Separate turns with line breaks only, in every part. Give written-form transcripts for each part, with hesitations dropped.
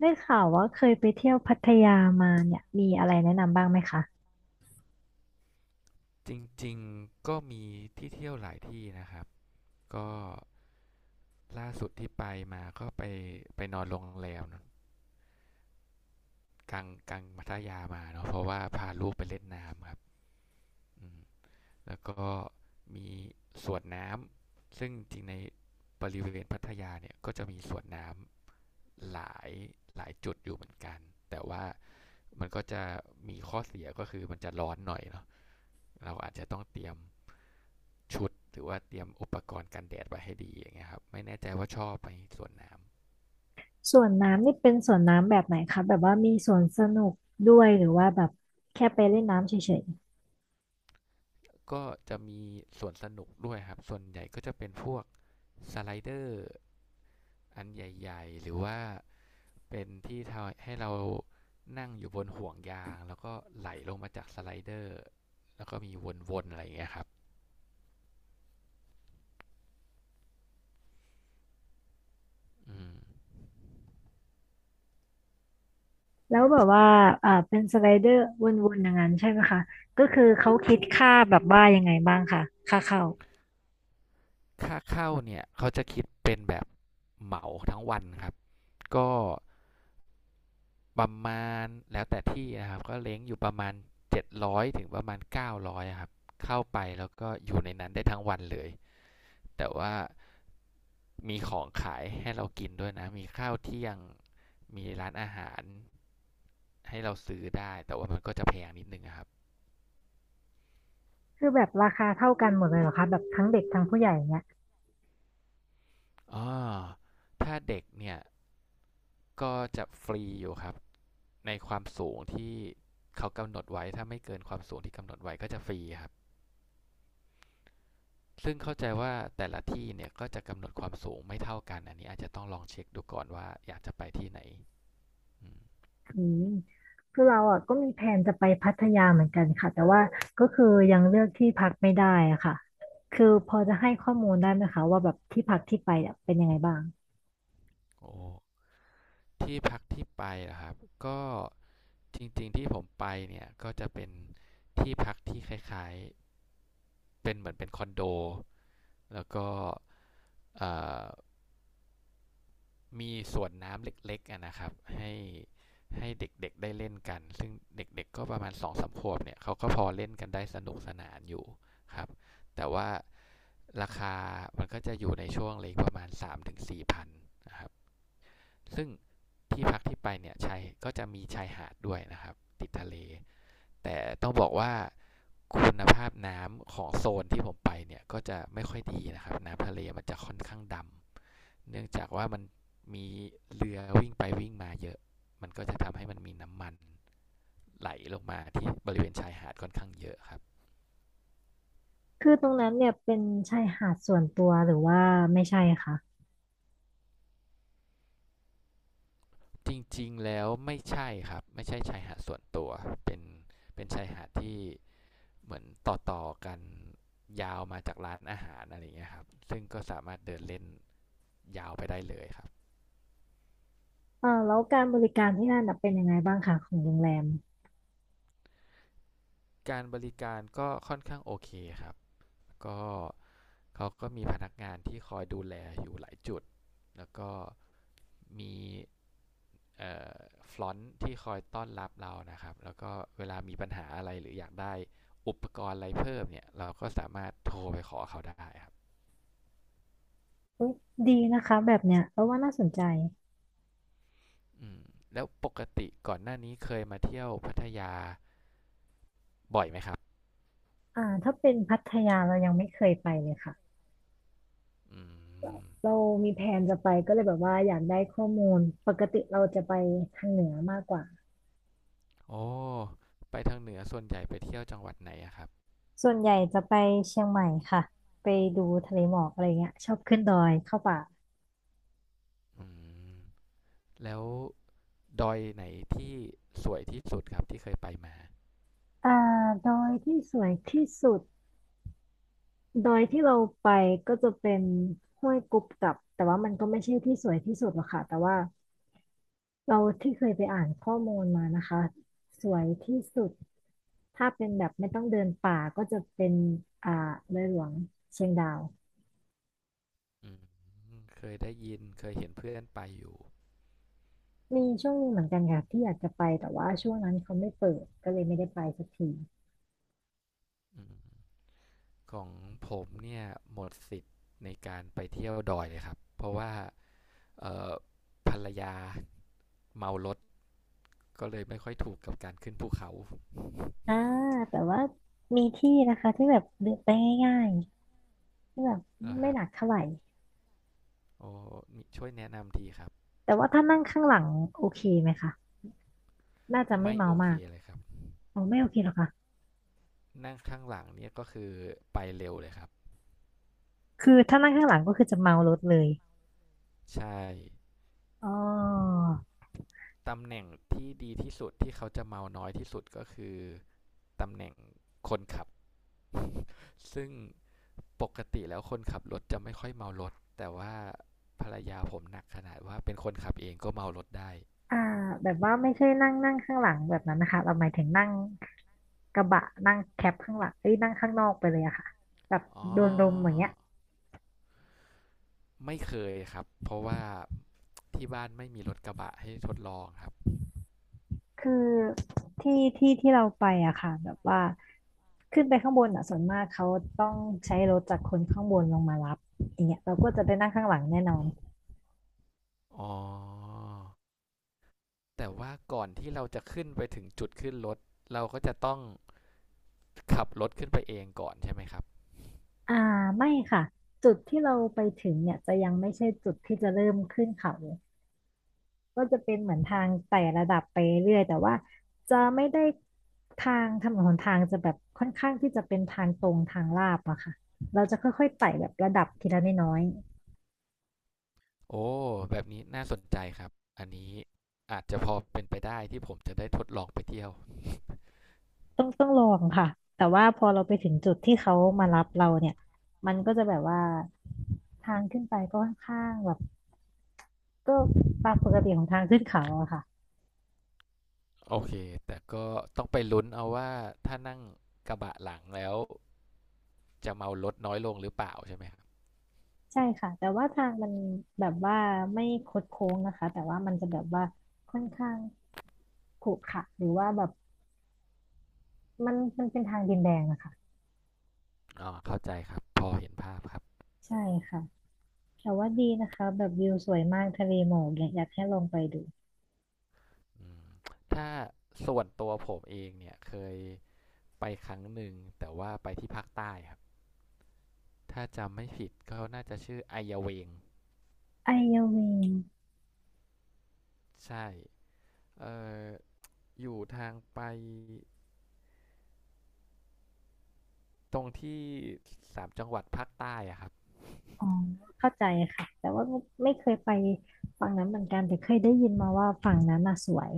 ได้ข่าวว่าเคยไปเที่ยวพัทยามาเนี่ยมีอะไรแนะนำบ้างไหมคะ
จริงๆก็มีที่เที่ยวหลายที่นะครับ ก็ล่าสุดที่ไปมาก็ไปนอนโรงแรมเนอะกลางพัทยามาเนาะเพราะว่าพาลูกไปเล่นน้ำครับอืมแล้วก็มีสวนน้ำซึ่งจริงในบริเวณพัทยาเนี่ยก็จะมีสวนน้ำหลายจุดอยู่เหมือนกันแต่ว่ามันก็จะมีข้อเสียก็คือมันจะร้อนหน่อยเนาะเราอาจจะต้องเตรียม ชุดหรือว่าเตรียมอุปกรณ์กันแดดไว้ให้ดีอย่างเงี้ยครับไม่แน่ใจว่าชอบไหมสวนน้
สวนน้ำนี่เป็นสวนน้ำแบบไหนคะแบบว่ามีสวนสนุกด้วยหรือว่าแบบแค่ไปเล่นน้ำเฉย
ำก็จะมีสวนสนุกด้วยครับส่วนใหญ่ก็จะเป็นพวกสไลเดอร์อันใหญ่ๆหรือว่าเป็นที่ทำให้เรานั่งอยู่บนห่วงยางแล้วก็ไหลลงมาจากสไลเดอร์แล้วก็มีวนๆอะไรอย่างเงี้ยครับ
ๆแล้วแบบว่าเป็นสไลเดอร์วนๆอย่างนั้นใช่ไหมคะก็คือเขาคิดค่าแบบว่ายังไงบ้างคะค่าเข้า
ค่าเข้าเนี่ยเขาจะคิดเป็นแบบเหมาทั้งวันครับก็ ประมาณแล้วแต่ที่นะครับก็เล้งอยู่ประมาณ700ถึงประมาณ900ครับเข้าไปแล้วก็อยู่ในนั้นได้ทั้งวันเลยแต่ว่ามีของขายให้เรากินด้วยนะมีข้าวเที่ยงมีร้านอาหารให้เราซื้อได้แต่ว่ามันก็จะแพงนิดนึงะครับ
คือแบบราคาเท่ากันหมดเลยเหรอคะแบบทั้งเด็กทั้งผู้ใหญ่เนี่ย
อ๋อถ้าเด็กเนี่ยก็จะฟรีอยู่ครับในความสูงที่เขากำหนดไว้ถ้าไม่เกินความสูงที่กำหนดไว้ก็จะฟรีครับ ซึ่งเข้าใจว่าแต่ละที่เนี่ยก็จะกำหนดความสูงไม่เท่ากันอันนี้อาจจะต้องลองเช็คดูก่อนว่าอยากจะไปที่ไหนอ
อืมคือเราอ่ะก็มีแผนจะไปพัทยาเหมือนกันค่ะแต่ว่าก็คือยังเลือกที่พักไม่ได้อะค่ะคือพอจะให้ข้อมูลได้ไหมคะว่าแบบที่พักที่ไปเนี่ยเป็นยังไงบ้าง
โอ้ที่พักที่ไปนะครับก็จริงๆที่ผมไปเนี่ยก็จะเป็นที่พักที่คล้ายๆเป็นเหมือนเป็นคอนโดแล้วก็มีสวนน้ำเล็กๆนะครับให้ให้เด็กๆได้เล่นกันซึ่งเด็กๆก็ประมาณ2 ถึง 3 ขวบเนี่ยเขาก็พอเล่นกันได้สนุกสนานอยู่ครับแต่ว่า ราคามันก็จะอยู่ในช่วงเลงประมาณ3มถึง4000นะครับซึ่งที่พักที่ไปเนี่ยชายก็จะมีชายหาดด้วยนะครับติดทะเลแต่ต้องบอกว่าคุณภาพน้ำของโซนที่ผมไปเนี่ยก็จะไม่ค่อยดีนะครับน้ำทะเลมันจะค่อนข้างดำเนื่องจากว่ามันมีเรือวิ่งไปวิ่งมาเยอะมันก็จะทำให้มันมีน้ำมันไหลลงมาที่บริเวณชายหาดค่อนข้างเยอะครับ
คือตรงนั้นเนี่ยเป็นชายหาดส่วนตัวหรือว่าไม่ใช่คะ
จริงๆ แล้วไม่ใช่ครับ ไม่ใช่ชายหาดส่วนตัว เป็นเป็นชายหาดที่เหมือนต่อๆกันยาวมาจากร้านอาหารอะไรอย่างเงี้ยครับซึ่งก็สามารถเดินเล่นยาวไปได้เลยครับ
แล้วการบริการที่นั่นน่ะเป็นยังไงบ้างคะของโรงแรม
การบริการก็ค่อนข้างโอเคครับก็เขาก็มีพนักงานที่คอยดูแลอยู่หลายจุด แล้วก็มีเอ่อฟลอนต์ที่คอยต้อนรับเรานะครับแล้วก็เวลามีปัญหาอะไรหรืออยากได้อุปกรณ์อะไรเพิ่มเนี่ยเราก็สามารถโทรไปขอเขาได้ครับ
อุ๊ยดีนะคะแบบเนี้ยเราว่าน่าสนใจ
อืมแล้วปกติก่อนหน้านี้เคยมาเที่ยวพัทยาบ่อยไหมครับ
ถ้าเป็นพัทยาเรายังไม่เคยไปเลยค่ะ
อืม
เรามีแผนจะไปก็เลยแบบว่าอยากได้ข้อมูลปกติเราจะไปทางเหนือมากกว่า
โอ้ไปทางเหนือส่วนใหญ่ไปเที่ยวจังหวัดไหนอะครับ
ส่วนใหญ่จะไปเชียงใหม่ค่ะไปดูทะเลหมอกอะไรเงี้ยชอบขึ้นดอยเข้าป่า
อืมแล้วดอยไหนที่สวยที่สุดครับที่เคยไปมา
อ่าดอยที่สวยที่สุดดอยที่เราไปก็จะเป็นห้วยกุบกับแต่ว่ามันก็ไม่ใช่ที่สวยที่สุดหรอกค่ะแต่ว่าเราที่เคยไปอ่านข้อมูลมานะคะสวยที่สุดถ้าเป็นแบบไม่ต้องเดินป่าก็จะเป็นอ่าเลยหลวงเชียงดาว
อืมเคยได้ยินเคยเห็นเพื่อนไปอยู่
มีช่วงหนึงเหมือนกันค่ะที่อยากจะไปแต่ว่าช่วงนั้นเขาไม่เปิดก็เลยไม่ได้ไปสักที
อืมของผมเนี่ยหมดสิทธิ์ในการไปเที่ยวดอยเลยครับ เพราะว่าเอ่อภรรยาเมารถก็เลยไม่ค่อยถูกกับการขึ้นภูเขา
อ่าแต่ว่ามีที่นะคะที่แบบเดินไปง่ายๆที่แบบ
เหรอ
ไม่
ฮะ
หนักเท่าไหร่
โอ้ มีช่วยแนะนำทีครับ
แต่ว่าถ้านั่งข้างหลังโอเคไหมคะน่าจะไม่
ไม่
เมา
โอ
มา
เค
ก
เลยครับ
อ๋อไม่โอเคหรอกค่ะ
นั่งข้างหลังเนี่ยก็คือไปเร็วเลยครับ
คือถ้านั่งข้างหลังก็คือจะเมารถเลย
ใช่
อ๋อ
ตำแหน่งที่ดีที่สุดที่เขาจะเมาน้อยที่สุดก็คือตำแหน่งคนขับ ซึ่งปกติแล้วคนขับรถจะไม่ค่อยเมารถแต่ว่าภรรยาผมหนักขนาดว่าเป็นคนขับเองก็เมารถได้
อ่าแบบว่าไม่ใช่นั่งนั่งข้างหลังแบบนั้นนะคะเราหมายถึงนั่งกระบะนั่งแคปข้างหลังเอ้ยนั่งข้างนอกไปเลยอะค่ะแบบ
อ๋อ
โดนลมอย่างเงี้ย
ไม่เคยครับ เพราะว่าที่บ้านไม่มีรถกระบะให้ทดลองครับ
คือที่เราไปอะค่ะแบบว่าขึ้นไปข้างบนอะส่วนมากเขาต้องใช้รถจากคนข้างบนลงมารับอย่างเงี้ยเราก็จะไปนั่งข้างหลังแน่นอน
อ๋อ แต่ว่าก่อนที่เราจะขึ้นไปถึงจุดขึ้นรถเราก็จะต้องขับรถขึ้นไปเองก่อนใช่ไหมครับ
อ่าไม่ค่ะจุดที่เราไปถึงเนี่ยจะยังไม่ใช่จุดที่จะเริ่มขึ้นเขาก็จะเป็นเหมือนทางไต่ระดับไปเรื่อยแต่ว่าจะไม่ได้ทางถนนหนทางจะแบบค่อนข้างที่จะเป็นทางตรงทางลาดอะค่ะเราจะค่อยๆไต่แบบระดับทีละน้อย
โอ้แบบนี้น่าสนใจครับอันนี้อาจจะพอเป็นไปได้ที่ผมจะได้ทดลองไปเที่ยว
ต้องลองค่ะแต่ว่าพอเราไปถึงจุดที่เขามารับเราเนี่ยมันก็จะแบบว่าทางขึ้นไปก็ค่อนข้างแบบก็ตามปกติของทางขึ้นเขาอะค่ะ
โอเคแต่ก็ต้องไปลุ้นเอาว่าถ้านั่งกระบะหลังแล้วจะเมารถน้อยลงหรือเปล่าใช่ไหมครับ
ใช่ค่ะแต่ว่าทางมันแบบว่าไม่คดโค้งนะคะแต่ว่ามันจะแบบว่าค่อนข้างขรุขระหรือว่าแบบมันเป็นทางดินแดงอะค่ะ
อ๋อเข้าใจครับ พอเห็นภาพครับ
ใช่ค่ะแต่ว่าดีนะคะแบบวิวสวยมากทะเลหมอกเนี่ยอยากให้ลองไปดู
ถ้าส่วนตัวผมเองเนี่ยเคยไปครั้งหนึ่งแต่ว่าไปที่ภาคใต้ครับ ถ้าจำไม่ผิดก็น่าจะชื่อไอยาเวง
ไอเยาวิง
ใช่เอ่ออยู่ทางไปตรงที่สามจังหวัดภาคใต้อะครับ
อ๋อเข้าใจค่ะแต่ว่าไม่เคยไปฝั่งนั้นเหมือนกันแต่เคยได้ยินมาว่าฝั่งนั้นน่ะสวย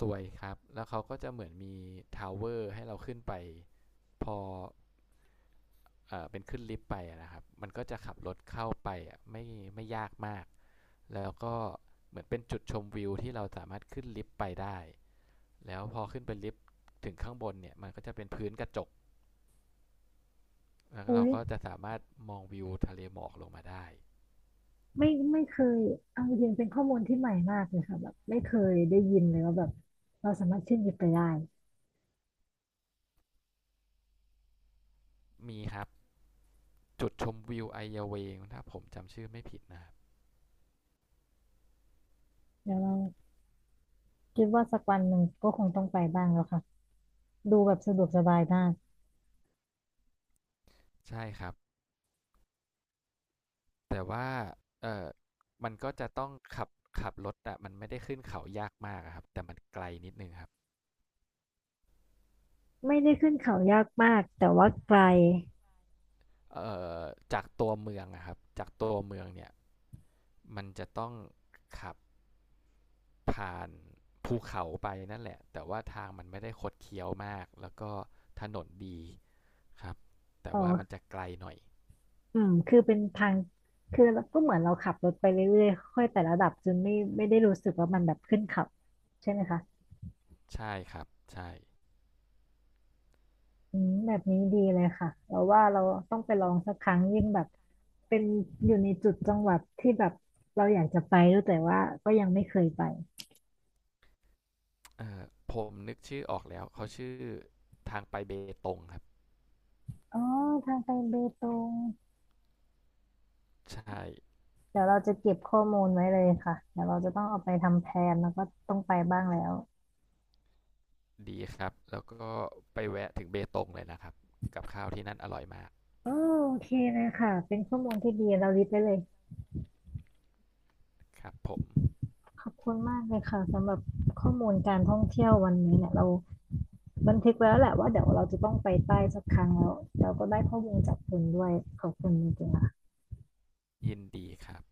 สวยครับแล้วเขาก็จะเหมือนมีทาวเวอร์ให้เราขึ้นไปพอเป็นขึ้นลิฟต์ไปอะนะครับมันก็จะขับรถเข้าไปอะไม่ยากมากแล้วก็เหมือนเป็นจุดชมวิวที่เราสามารถขึ้นลิฟต์ไปได้แล้วพอขึ้นไปลิฟต์ถึงข้างบนเนี่ยมันก็จะเป็นพื้นกระจกแล้ว
อุ้
เรา
ย
ก็จะสามารถมองวิวทะเลหมอกลงมาได้
ไม่เคยเอาจริงๆเป็นข้อมูลที่ใหม่มากเลยค่ะแบบไม่เคยได้ยินเลยว่าแบบเราสามารถขึ้นยิปไปได้
มีครับ จุดชมวิวไอเยาเวงถ้าผมจำชื่อไม่ผิดนะครับ
เดี๋ยวเราคิดว่าสักวันหนึ่งก็คงต้องไปบ้างแล้วค่ะดูแบบสะดวกสบายมาก
ใช่ครับแต่ว่าเออมันก็จะต้องขับรถอะมันไม่ได้ขึ้นเขายากมากอะครับแต่มันไกลนิดนึงครับ
ไม่ได้ขึ้นเขายากมากแต่ว่าไกล
เออจากตัวเมืองอะครับจากตัวเมืองเนี่ยมันจะต้องขับผ่านภูเขาไปนั่นแหละแต่ว่าทางมันไม่ได้คดเคี้ยวมากแล้วก็ถนนดีครับแต่
อ๋
ว่ามัน
อ
จะไกลหน่อย
อืมคือเป็นทางคือเราก็เหมือนเราขับรถไปเรื่อยๆค่อยแต่ระดับจนไม่ได้รู้สึกว่ามันแบบขึ้นเขาใช่ไหมคะ
ใช่ครับใช่
อืมแบบนี้ดีเลยค่ะเราว่าเราต้องไปลองสักครั้งยิ่งแบบเป็นอยู่ในจุดจังหวัดที่แบบเราอยากจะไปด้วยแต่ว่าก็ยังไม่เคยไป
เอ่อผมนึกชื่อออกแล้วเขาชื่อทางไปเบตงครับ
อ๋อทางไปเบตง
ใช่
เดี๋ยวเราจะเก็บข้อมูลไว้เลยค่ะเดี๋ยวเราจะต้องเอาไปทำแพลนแล้วก็ต้องไปบ้างแล้ว
ดีครับแล้วก็ไปแวะถึงเบตงเลยนะครับกับข้าวที่นั่นอร่อยมาก
โอโอเคเลยค่ะเป็นข้อมูลที่ดีเราลิสต์ไว้เลย
ครับผม
ขอบคุณมากเลยค่ะสำหรับข้อมูลการท่องเที่ยววันนี้เนี่ยเรา บันทึกไว้แล้วแหละว่าเดี๋ยวเราจะต้องไปใต้สักครั้งแล้วเราก็ได้ข้อมูลจากคุณด้วยขอบคุณจริงๆค่ะ
ยินดีครับ